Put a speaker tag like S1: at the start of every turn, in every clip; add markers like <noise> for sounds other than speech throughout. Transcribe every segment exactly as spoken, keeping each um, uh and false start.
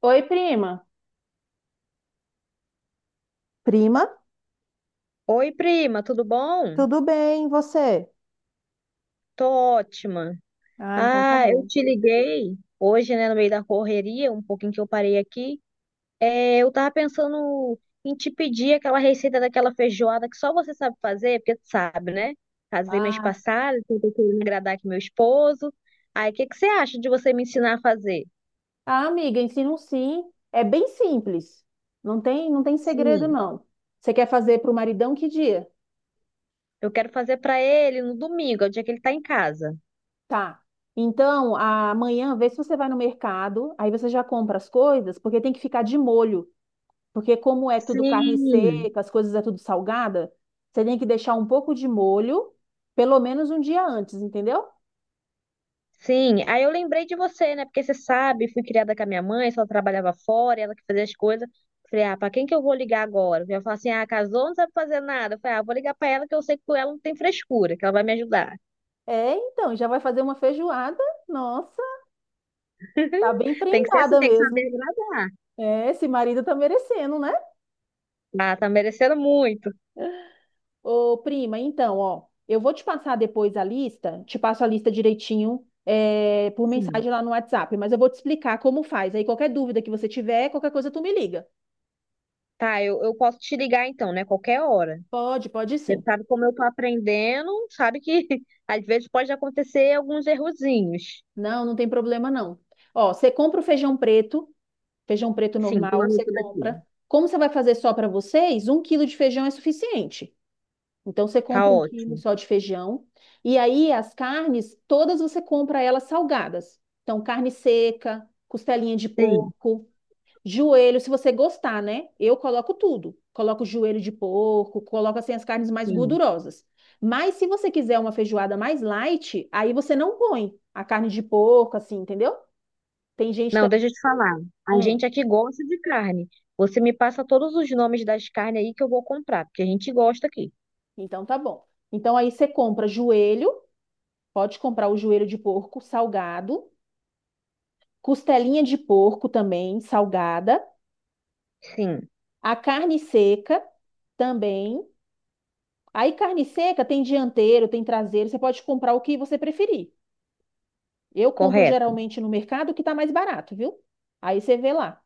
S1: Oi, prima. Prima,
S2: Oi, prima, tudo bom?
S1: tudo bem, e você?
S2: Tô ótima.
S1: Ah, então tá
S2: Ah, eu
S1: bom.
S2: te liguei hoje, né, no meio da correria, um pouquinho que eu parei aqui. É, eu tava pensando em te pedir aquela receita daquela feijoada que só você sabe fazer, porque tu sabe, né? Casei mês
S1: Ah,
S2: passado, então tô querendo agradar aqui meu esposo. Aí, o que que você acha de você me ensinar a fazer?
S1: ah, amiga, ensino sim. É bem simples. Não tem, não tem segredo,
S2: Sim.
S1: não. Você quer fazer para o maridão que dia?
S2: Eu quero fazer pra ele no domingo, é o dia que ele tá em casa.
S1: Tá. Então, amanhã, vê se você vai no mercado, aí você já compra as coisas, porque tem que ficar de molho. Porque como é tudo carne
S2: Sim.
S1: seca, as coisas é tudo salgada, você tem que deixar um pouco de molho, pelo menos um dia antes, entendeu?
S2: Sim, aí eu lembrei de você, né? Porque você sabe, fui criada com a minha mãe, só trabalhava fora, ela que fazia as coisas. Falei, ah, pra quem que eu vou ligar agora? Eu falar assim, ah, casou, não sabe fazer nada. Eu falei, ah, vou ligar pra ela que eu sei que com ela não tem frescura, que ela vai me ajudar.
S1: É, então, já vai fazer uma feijoada. Nossa. Tá bem
S2: Tem que ser assim,
S1: prendada
S2: tem que
S1: mesmo.
S2: saber agradar.
S1: É, esse marido tá merecendo, né?
S2: Ah, tá merecendo muito.
S1: Ô, prima, então, ó, eu vou te passar depois a lista, te passo a lista direitinho, é, por
S2: Sim.
S1: mensagem lá no WhatsApp, mas eu vou te explicar como faz. Aí qualquer dúvida que você tiver, qualquer coisa tu me liga.
S2: Tá, eu, eu posso te ligar então, né? Qualquer hora.
S1: Pode, pode
S2: Você
S1: sim.
S2: sabe como eu tô aprendendo, sabe que <laughs> às vezes pode acontecer alguns errozinhos.
S1: Não, não tem problema não. Ó, você compra o feijão preto, feijão preto
S2: Sim, tô
S1: normal, você
S2: anotando aqui.
S1: compra. Como você vai fazer só pra vocês, um quilo de feijão é suficiente. Então você
S2: Tá
S1: compra um quilo
S2: ótimo.
S1: só de feijão e aí as carnes todas você compra elas salgadas. Então carne seca, costelinha de
S2: Sim,
S1: porco, joelho, se você gostar, né? Eu coloco tudo. Coloco joelho de porco, coloco assim as carnes mais
S2: sim.
S1: gordurosas. Mas se você quiser uma feijoada mais light, aí você não põe a carne de porco assim, entendeu? Tem gente
S2: Não,
S1: também,
S2: deixa eu te falar. A
S1: hum,
S2: gente aqui gosta de carne. Você me passa todos os nomes das carnes aí que eu vou comprar, porque a gente gosta aqui.
S1: então tá bom. Então aí você compra joelho, pode comprar o joelho de porco salgado, costelinha de porco também, salgada,
S2: Sim,
S1: a carne seca também. Aí carne seca tem dianteiro, tem traseiro, você pode comprar o que você preferir. Eu compro
S2: correto.
S1: geralmente no mercado o que está mais barato, viu? Aí você vê lá.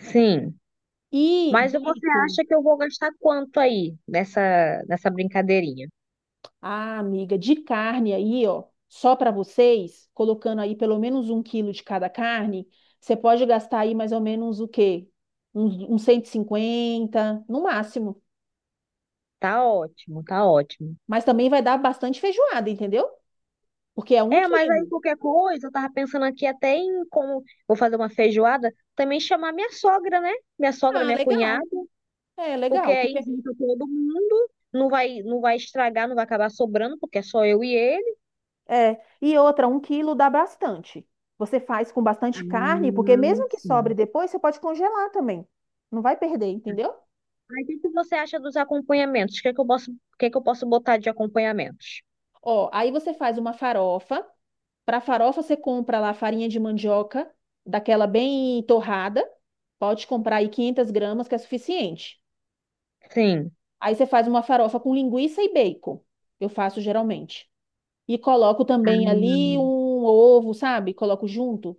S2: Sim.
S1: E
S2: Mas você
S1: bacon,
S2: acha que eu vou gastar quanto aí nessa, nessa brincadeirinha?
S1: ah, amiga, de carne aí, ó, só para vocês, colocando aí pelo menos um quilo de cada carne, você pode gastar aí mais ou menos o quê? Uns, uns cento e cinquenta no máximo.
S2: Tá ótimo, tá ótimo.
S1: Mas também vai dar bastante feijoada, entendeu? Porque é um
S2: É, mas aí
S1: quilo.
S2: qualquer coisa, eu tava pensando aqui até em como vou fazer uma feijoada, também chamar minha sogra, né? Minha sogra,
S1: Ah,
S2: minha cunhada,
S1: legal. É
S2: porque
S1: legal,
S2: aí
S1: porque
S2: junta todo mundo, não vai, não vai estragar, não vai acabar sobrando, porque é só eu e ele.
S1: é. E outra, um quilo dá bastante. Você faz com bastante carne, porque
S2: Ah,
S1: mesmo que sobre
S2: sim.
S1: depois, você pode congelar também. Não vai perder, entendeu?
S2: Aí o que que você acha dos acompanhamentos? O que que eu posso, o que que eu posso botar de acompanhamentos?
S1: Ó, aí você faz uma farofa. Para farofa, você compra lá farinha de mandioca, daquela bem torrada. Pode comprar aí quinhentas gramas, que é suficiente.
S2: Sim.
S1: Aí você faz uma farofa com linguiça e bacon. Eu faço geralmente. E coloco também ali
S2: Hum.
S1: um ovo, sabe? Coloco junto.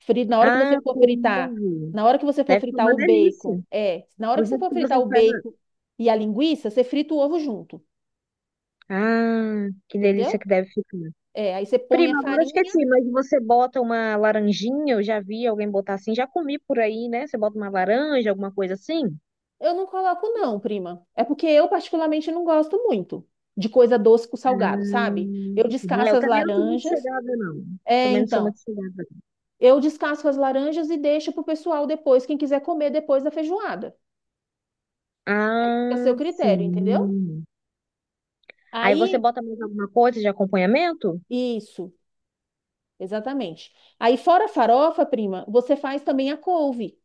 S1: Fri- Na hora que
S2: Ah,
S1: você for fritar,
S2: couve.
S1: na hora que você for
S2: Deve ser
S1: fritar
S2: uma
S1: o
S2: delícia.
S1: bacon, é, na hora
S2: Do
S1: que você
S2: jeito
S1: for
S2: que
S1: fritar
S2: você
S1: o
S2: faz.
S1: bacon e a linguiça, você frita o ovo junto,
S2: Ah, que
S1: entendeu?
S2: delícia que deve ficar.
S1: É, aí você põe a
S2: Prima, agora eu
S1: farinha.
S2: esqueci, mas você bota uma laranjinha, eu já vi alguém botar assim, já comi por aí, né? Você bota uma laranja, alguma coisa assim?
S1: Eu não coloco não, prima. É porque eu particularmente não gosto muito de coisa doce com salgado, sabe?
S2: Hum,
S1: Eu
S2: é,
S1: descasco
S2: eu
S1: as
S2: também não sou muito
S1: laranjas.
S2: chegada, não.
S1: É,
S2: Também não sou
S1: então,
S2: muito chegada.
S1: eu descasco as laranjas e deixo pro pessoal depois, quem quiser comer depois da feijoada. Fica a seu
S2: Ah,
S1: critério, entendeu?
S2: sim. Aí você
S1: Aí,
S2: bota mais alguma coisa de acompanhamento?
S1: isso. Exatamente. Aí, fora a farofa, prima, você faz também a couve.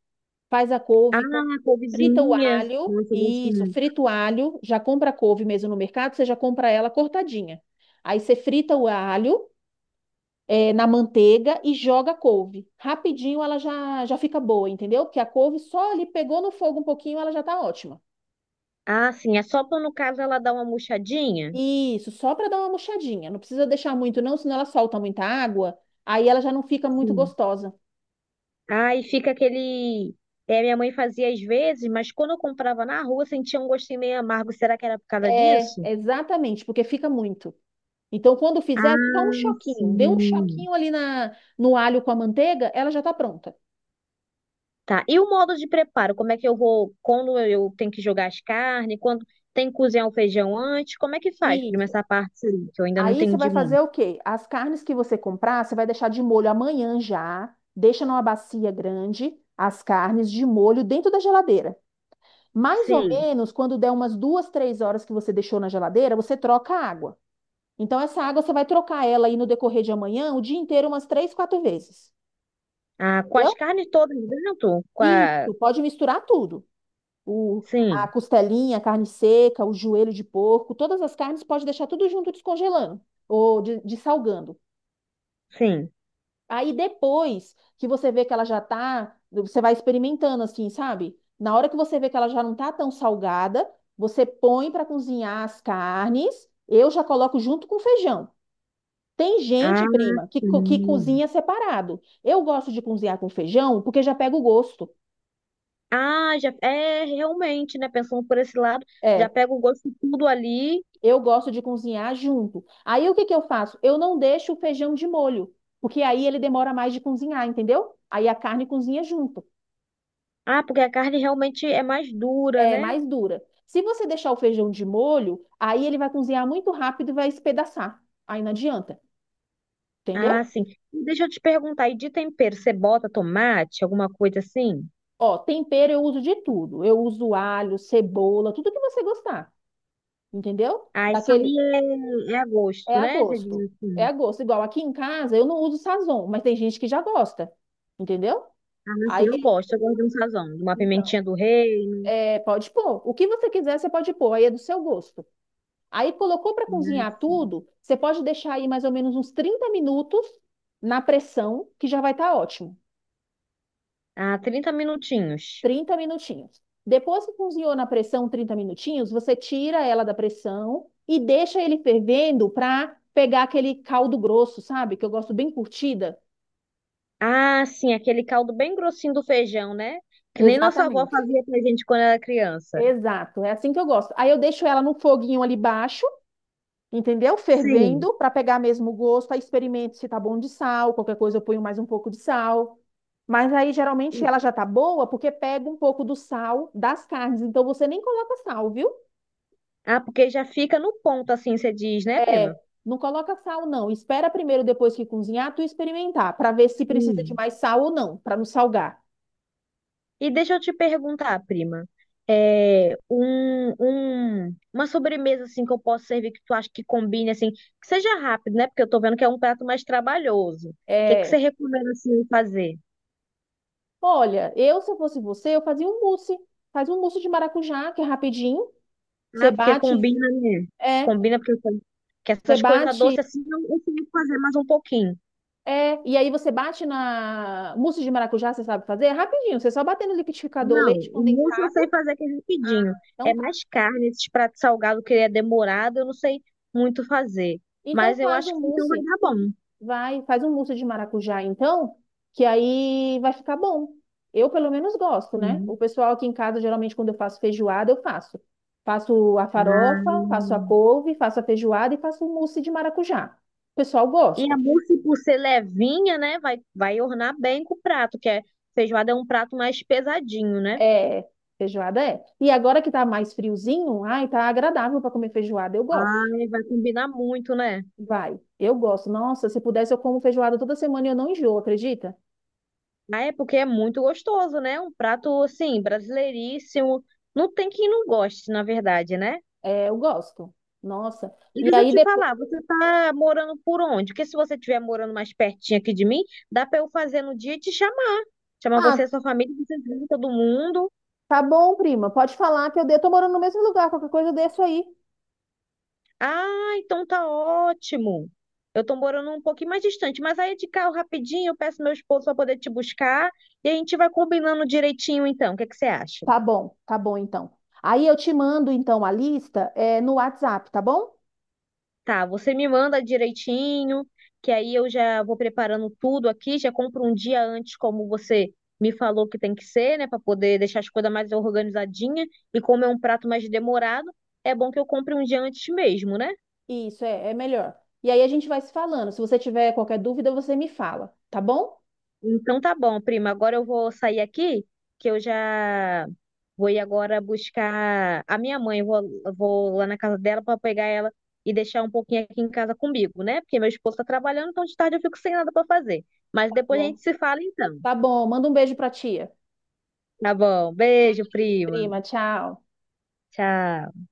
S1: Faz a couve, com-
S2: Ah,
S1: frita o
S2: couvezinha.
S1: alho,
S2: Nossa, eu gosto
S1: isso,
S2: muito.
S1: frita o alho, já compra a couve mesmo no mercado, você já compra ela cortadinha. Aí você frita o alho, eh, na manteiga e joga a couve. Rapidinho ela já, já fica boa, entendeu? Porque a couve só ali pegou no fogo um pouquinho, ela já tá ótima.
S2: Ah, sim. É só pra, no caso, ela dar uma murchadinha?
S1: Isso, só para dar uma murchadinha. Não precisa deixar muito, não, senão ela solta muita água, aí ela já não fica muito
S2: Sim.
S1: gostosa.
S2: Aí fica aquele. É, minha mãe fazia às vezes, mas quando eu comprava na rua, sentia um gostinho meio amargo. Será que era por causa
S1: É,
S2: disso?
S1: exatamente, porque fica muito. Então, quando fizer, só um
S2: Ah,
S1: choquinho. Dê um
S2: sim.
S1: choquinho ali na, no alho com a manteiga, ela já tá pronta.
S2: Tá. E o modo de preparo? Como é que eu vou. Quando eu tenho que jogar as carnes? Quando tem que cozinhar o feijão antes? Como é que faz? Prima,
S1: Isso.
S2: essa parte aí, que eu ainda não
S1: Aí você
S2: entendi
S1: vai
S2: muito.
S1: fazer o quê? As carnes que você comprar, você vai deixar de molho amanhã já. Deixa numa bacia grande as carnes de molho dentro da geladeira. Mais ou
S2: Sim.
S1: menos, quando der umas duas, três horas que você deixou na geladeira, você troca a água. Então, essa água você vai trocar ela aí no decorrer de amanhã, o dia inteiro, umas três, quatro vezes.
S2: Ah, com as
S1: Entendeu?
S2: carnes todas dentro? Com a...
S1: Isso, pode misturar tudo. o, a
S2: Sim,
S1: costelinha, a carne seca, o joelho de porco, todas as carnes pode deixar tudo junto descongelando ou de- dessalgando.
S2: sim.
S1: Aí depois que você vê que ela já tá, você vai experimentando assim, sabe? Na hora que você vê que ela já não tá tão salgada, você põe para cozinhar as carnes. Eu já coloco junto com feijão. Tem
S2: Ah,
S1: gente, prima, que, co- que
S2: sim.
S1: cozinha separado. Eu gosto de cozinhar com feijão porque já pega o gosto.
S2: Ah, já é realmente, né? Pensando por esse lado, já
S1: É.
S2: pega o gosto de tudo ali.
S1: Eu gosto de cozinhar junto. Aí o que que eu faço? Eu não deixo o feijão de molho, porque aí ele demora mais de cozinhar, entendeu? Aí a carne cozinha junto,
S2: Ah, porque a carne realmente é mais dura,
S1: é
S2: né?
S1: mais dura. Se você deixar o feijão de molho, aí ele vai cozinhar muito rápido e vai espedaçar. Aí não adianta,
S2: Ah,
S1: entendeu?
S2: sim. Deixa eu te perguntar, e de tempero, você bota tomate, alguma coisa assim?
S1: Ó, tempero eu uso de tudo. Eu uso alho, cebola, tudo que você gostar, entendeu?
S2: Ah, isso aí
S1: Daquele
S2: é, é a
S1: é
S2: gosto,
S1: a
S2: né? Você diz
S1: gosto. É
S2: assim.
S1: a gosto. Igual aqui em casa eu não uso sazon, mas tem gente que já gosta, entendeu?
S2: Ah, mas assim,
S1: Aí
S2: eu gosto, eu gosto de um sazão, de uma
S1: então,
S2: pimentinha do reino.
S1: é, pode pôr. O que você quiser, você pode pôr, aí é do seu gosto. Aí colocou para
S2: Né,
S1: cozinhar
S2: assim.
S1: tudo, você pode deixar aí mais ou menos uns trinta minutos na pressão, que já vai estar ótimo.
S2: Ah, trinta minutinhos.
S1: Trinta minutinhos. Depois que cozinhou na pressão trinta minutinhos, você tira ela da pressão e deixa ele fervendo para pegar aquele caldo grosso, sabe? Que eu gosto bem curtida.
S2: Ah, sim, aquele caldo bem grossinho do feijão, né? Que nem nossa avó
S1: Exatamente.
S2: fazia pra gente quando era criança.
S1: Exato, é assim que eu gosto. Aí eu deixo ela no foguinho ali baixo, entendeu?
S2: Sim.
S1: Fervendo para pegar mesmo o gosto, aí experimento se tá bom de sal, qualquer coisa eu ponho mais um pouco de sal. Mas aí geralmente ela já tá boa porque pega um pouco do sal das carnes, então você nem coloca sal, viu?
S2: Ah, porque já fica no ponto, assim, você diz, né, prima?
S1: É, não coloca sal não. Espera primeiro depois que cozinhar tu experimentar para ver se precisa de
S2: Sim.
S1: mais sal ou não, para não salgar.
S2: E deixa eu te perguntar, prima, é, um, um- uma sobremesa assim que eu posso servir que tu acha que combine assim, que seja rápido, né? Porque eu tô vendo que é um prato mais trabalhoso. O que que você
S1: É,
S2: recomenda assim fazer?
S1: olha, eu se eu fosse você, eu fazia um mousse. Faz um mousse de maracujá, que é rapidinho. Você
S2: Ah, porque
S1: bate,
S2: combina, né?
S1: é,
S2: Combina porque eu sei que
S1: você
S2: essas coisas
S1: bate
S2: doces assim eu eu sei fazer mais um pouquinho.
S1: É, e aí você bate na mousse de maracujá, você sabe fazer? É rapidinho, você só bater no liquidificador,
S2: Não,
S1: leite
S2: o mousse eu
S1: condensado,
S2: sei fazer aquele rapidinho.
S1: então
S2: É
S1: tá.
S2: mais carne, esses pratos salgados que ele é demorado, eu não sei muito fazer.
S1: Então
S2: Mas eu
S1: faz
S2: acho
S1: um
S2: que então vai
S1: mousse,
S2: dar bom.
S1: vai, faz um mousse de maracujá então, que aí vai ficar bom. Eu pelo menos gosto, né?
S2: Sim.
S1: O pessoal aqui em casa, geralmente quando eu faço feijoada, eu faço. Faço a farofa, faço a
S2: Ah,
S1: couve, faço a feijoada e faço o mousse de maracujá. O pessoal
S2: e
S1: gosta.
S2: a mousse, por ser levinha, né, vai, vai ornar bem com o prato, que é feijoada é um prato mais pesadinho, né?
S1: É, feijoada é. E agora que tá mais friozinho, ai, tá agradável para comer feijoada, eu gosto.
S2: Ai, vai combinar muito, né?
S1: Vai. Eu gosto. Nossa, se pudesse, eu como feijoada toda semana e eu não enjoo, acredita?
S2: Ah, é porque é muito gostoso, né? Um prato, assim, brasileiríssimo. Não tem quem não goste, na verdade, né?
S1: É, eu gosto. Nossa.
S2: E
S1: E
S2: deixa eu
S1: aí
S2: te
S1: depois.
S2: falar, você tá morando por onde? Porque se você estiver morando mais pertinho aqui de mim, dá pra eu fazer no dia e te chamar. Chamar você
S1: Ah,
S2: e sua família, vocês vêm todo mundo.
S1: tá bom, prima. Pode falar que eu dei. Tô morando no mesmo lugar. Qualquer coisa eu desço aí.
S2: Ah, então tá ótimo. Eu tô morando um pouquinho mais distante, mas aí de carro rapidinho eu peço meu esposo para poder te buscar e a gente vai combinando direitinho então. O que é que você acha?
S1: Tá bom, tá bom então. Aí eu te mando então a lista, é, no WhatsApp, tá bom?
S2: Tá, você me manda direitinho, que aí eu já vou preparando tudo aqui, já compro um dia antes, como você me falou que tem que ser, né, para poder deixar as coisas mais organizadinhas. E como é um prato mais demorado, é bom que eu compre um dia antes mesmo, né?
S1: Isso, é, é melhor. E aí a gente vai se falando. Se você tiver qualquer dúvida, você me fala, tá bom?
S2: Então tá bom, prima. Agora eu vou sair aqui, que eu já vou ir agora buscar a minha mãe. Eu Vou, eu vou lá na casa dela para pegar ela e deixar um pouquinho aqui em casa comigo, né? Porque meu esposo tá trabalhando, então de tarde eu fico sem nada para fazer. Mas
S1: Tá
S2: depois a
S1: bom.
S2: gente se fala então.
S1: Tá bom. Manda um beijo pra tia.
S2: Tá bom. Beijo,
S1: Beijo,
S2: prima.
S1: prima. Tchau.
S2: Tchau.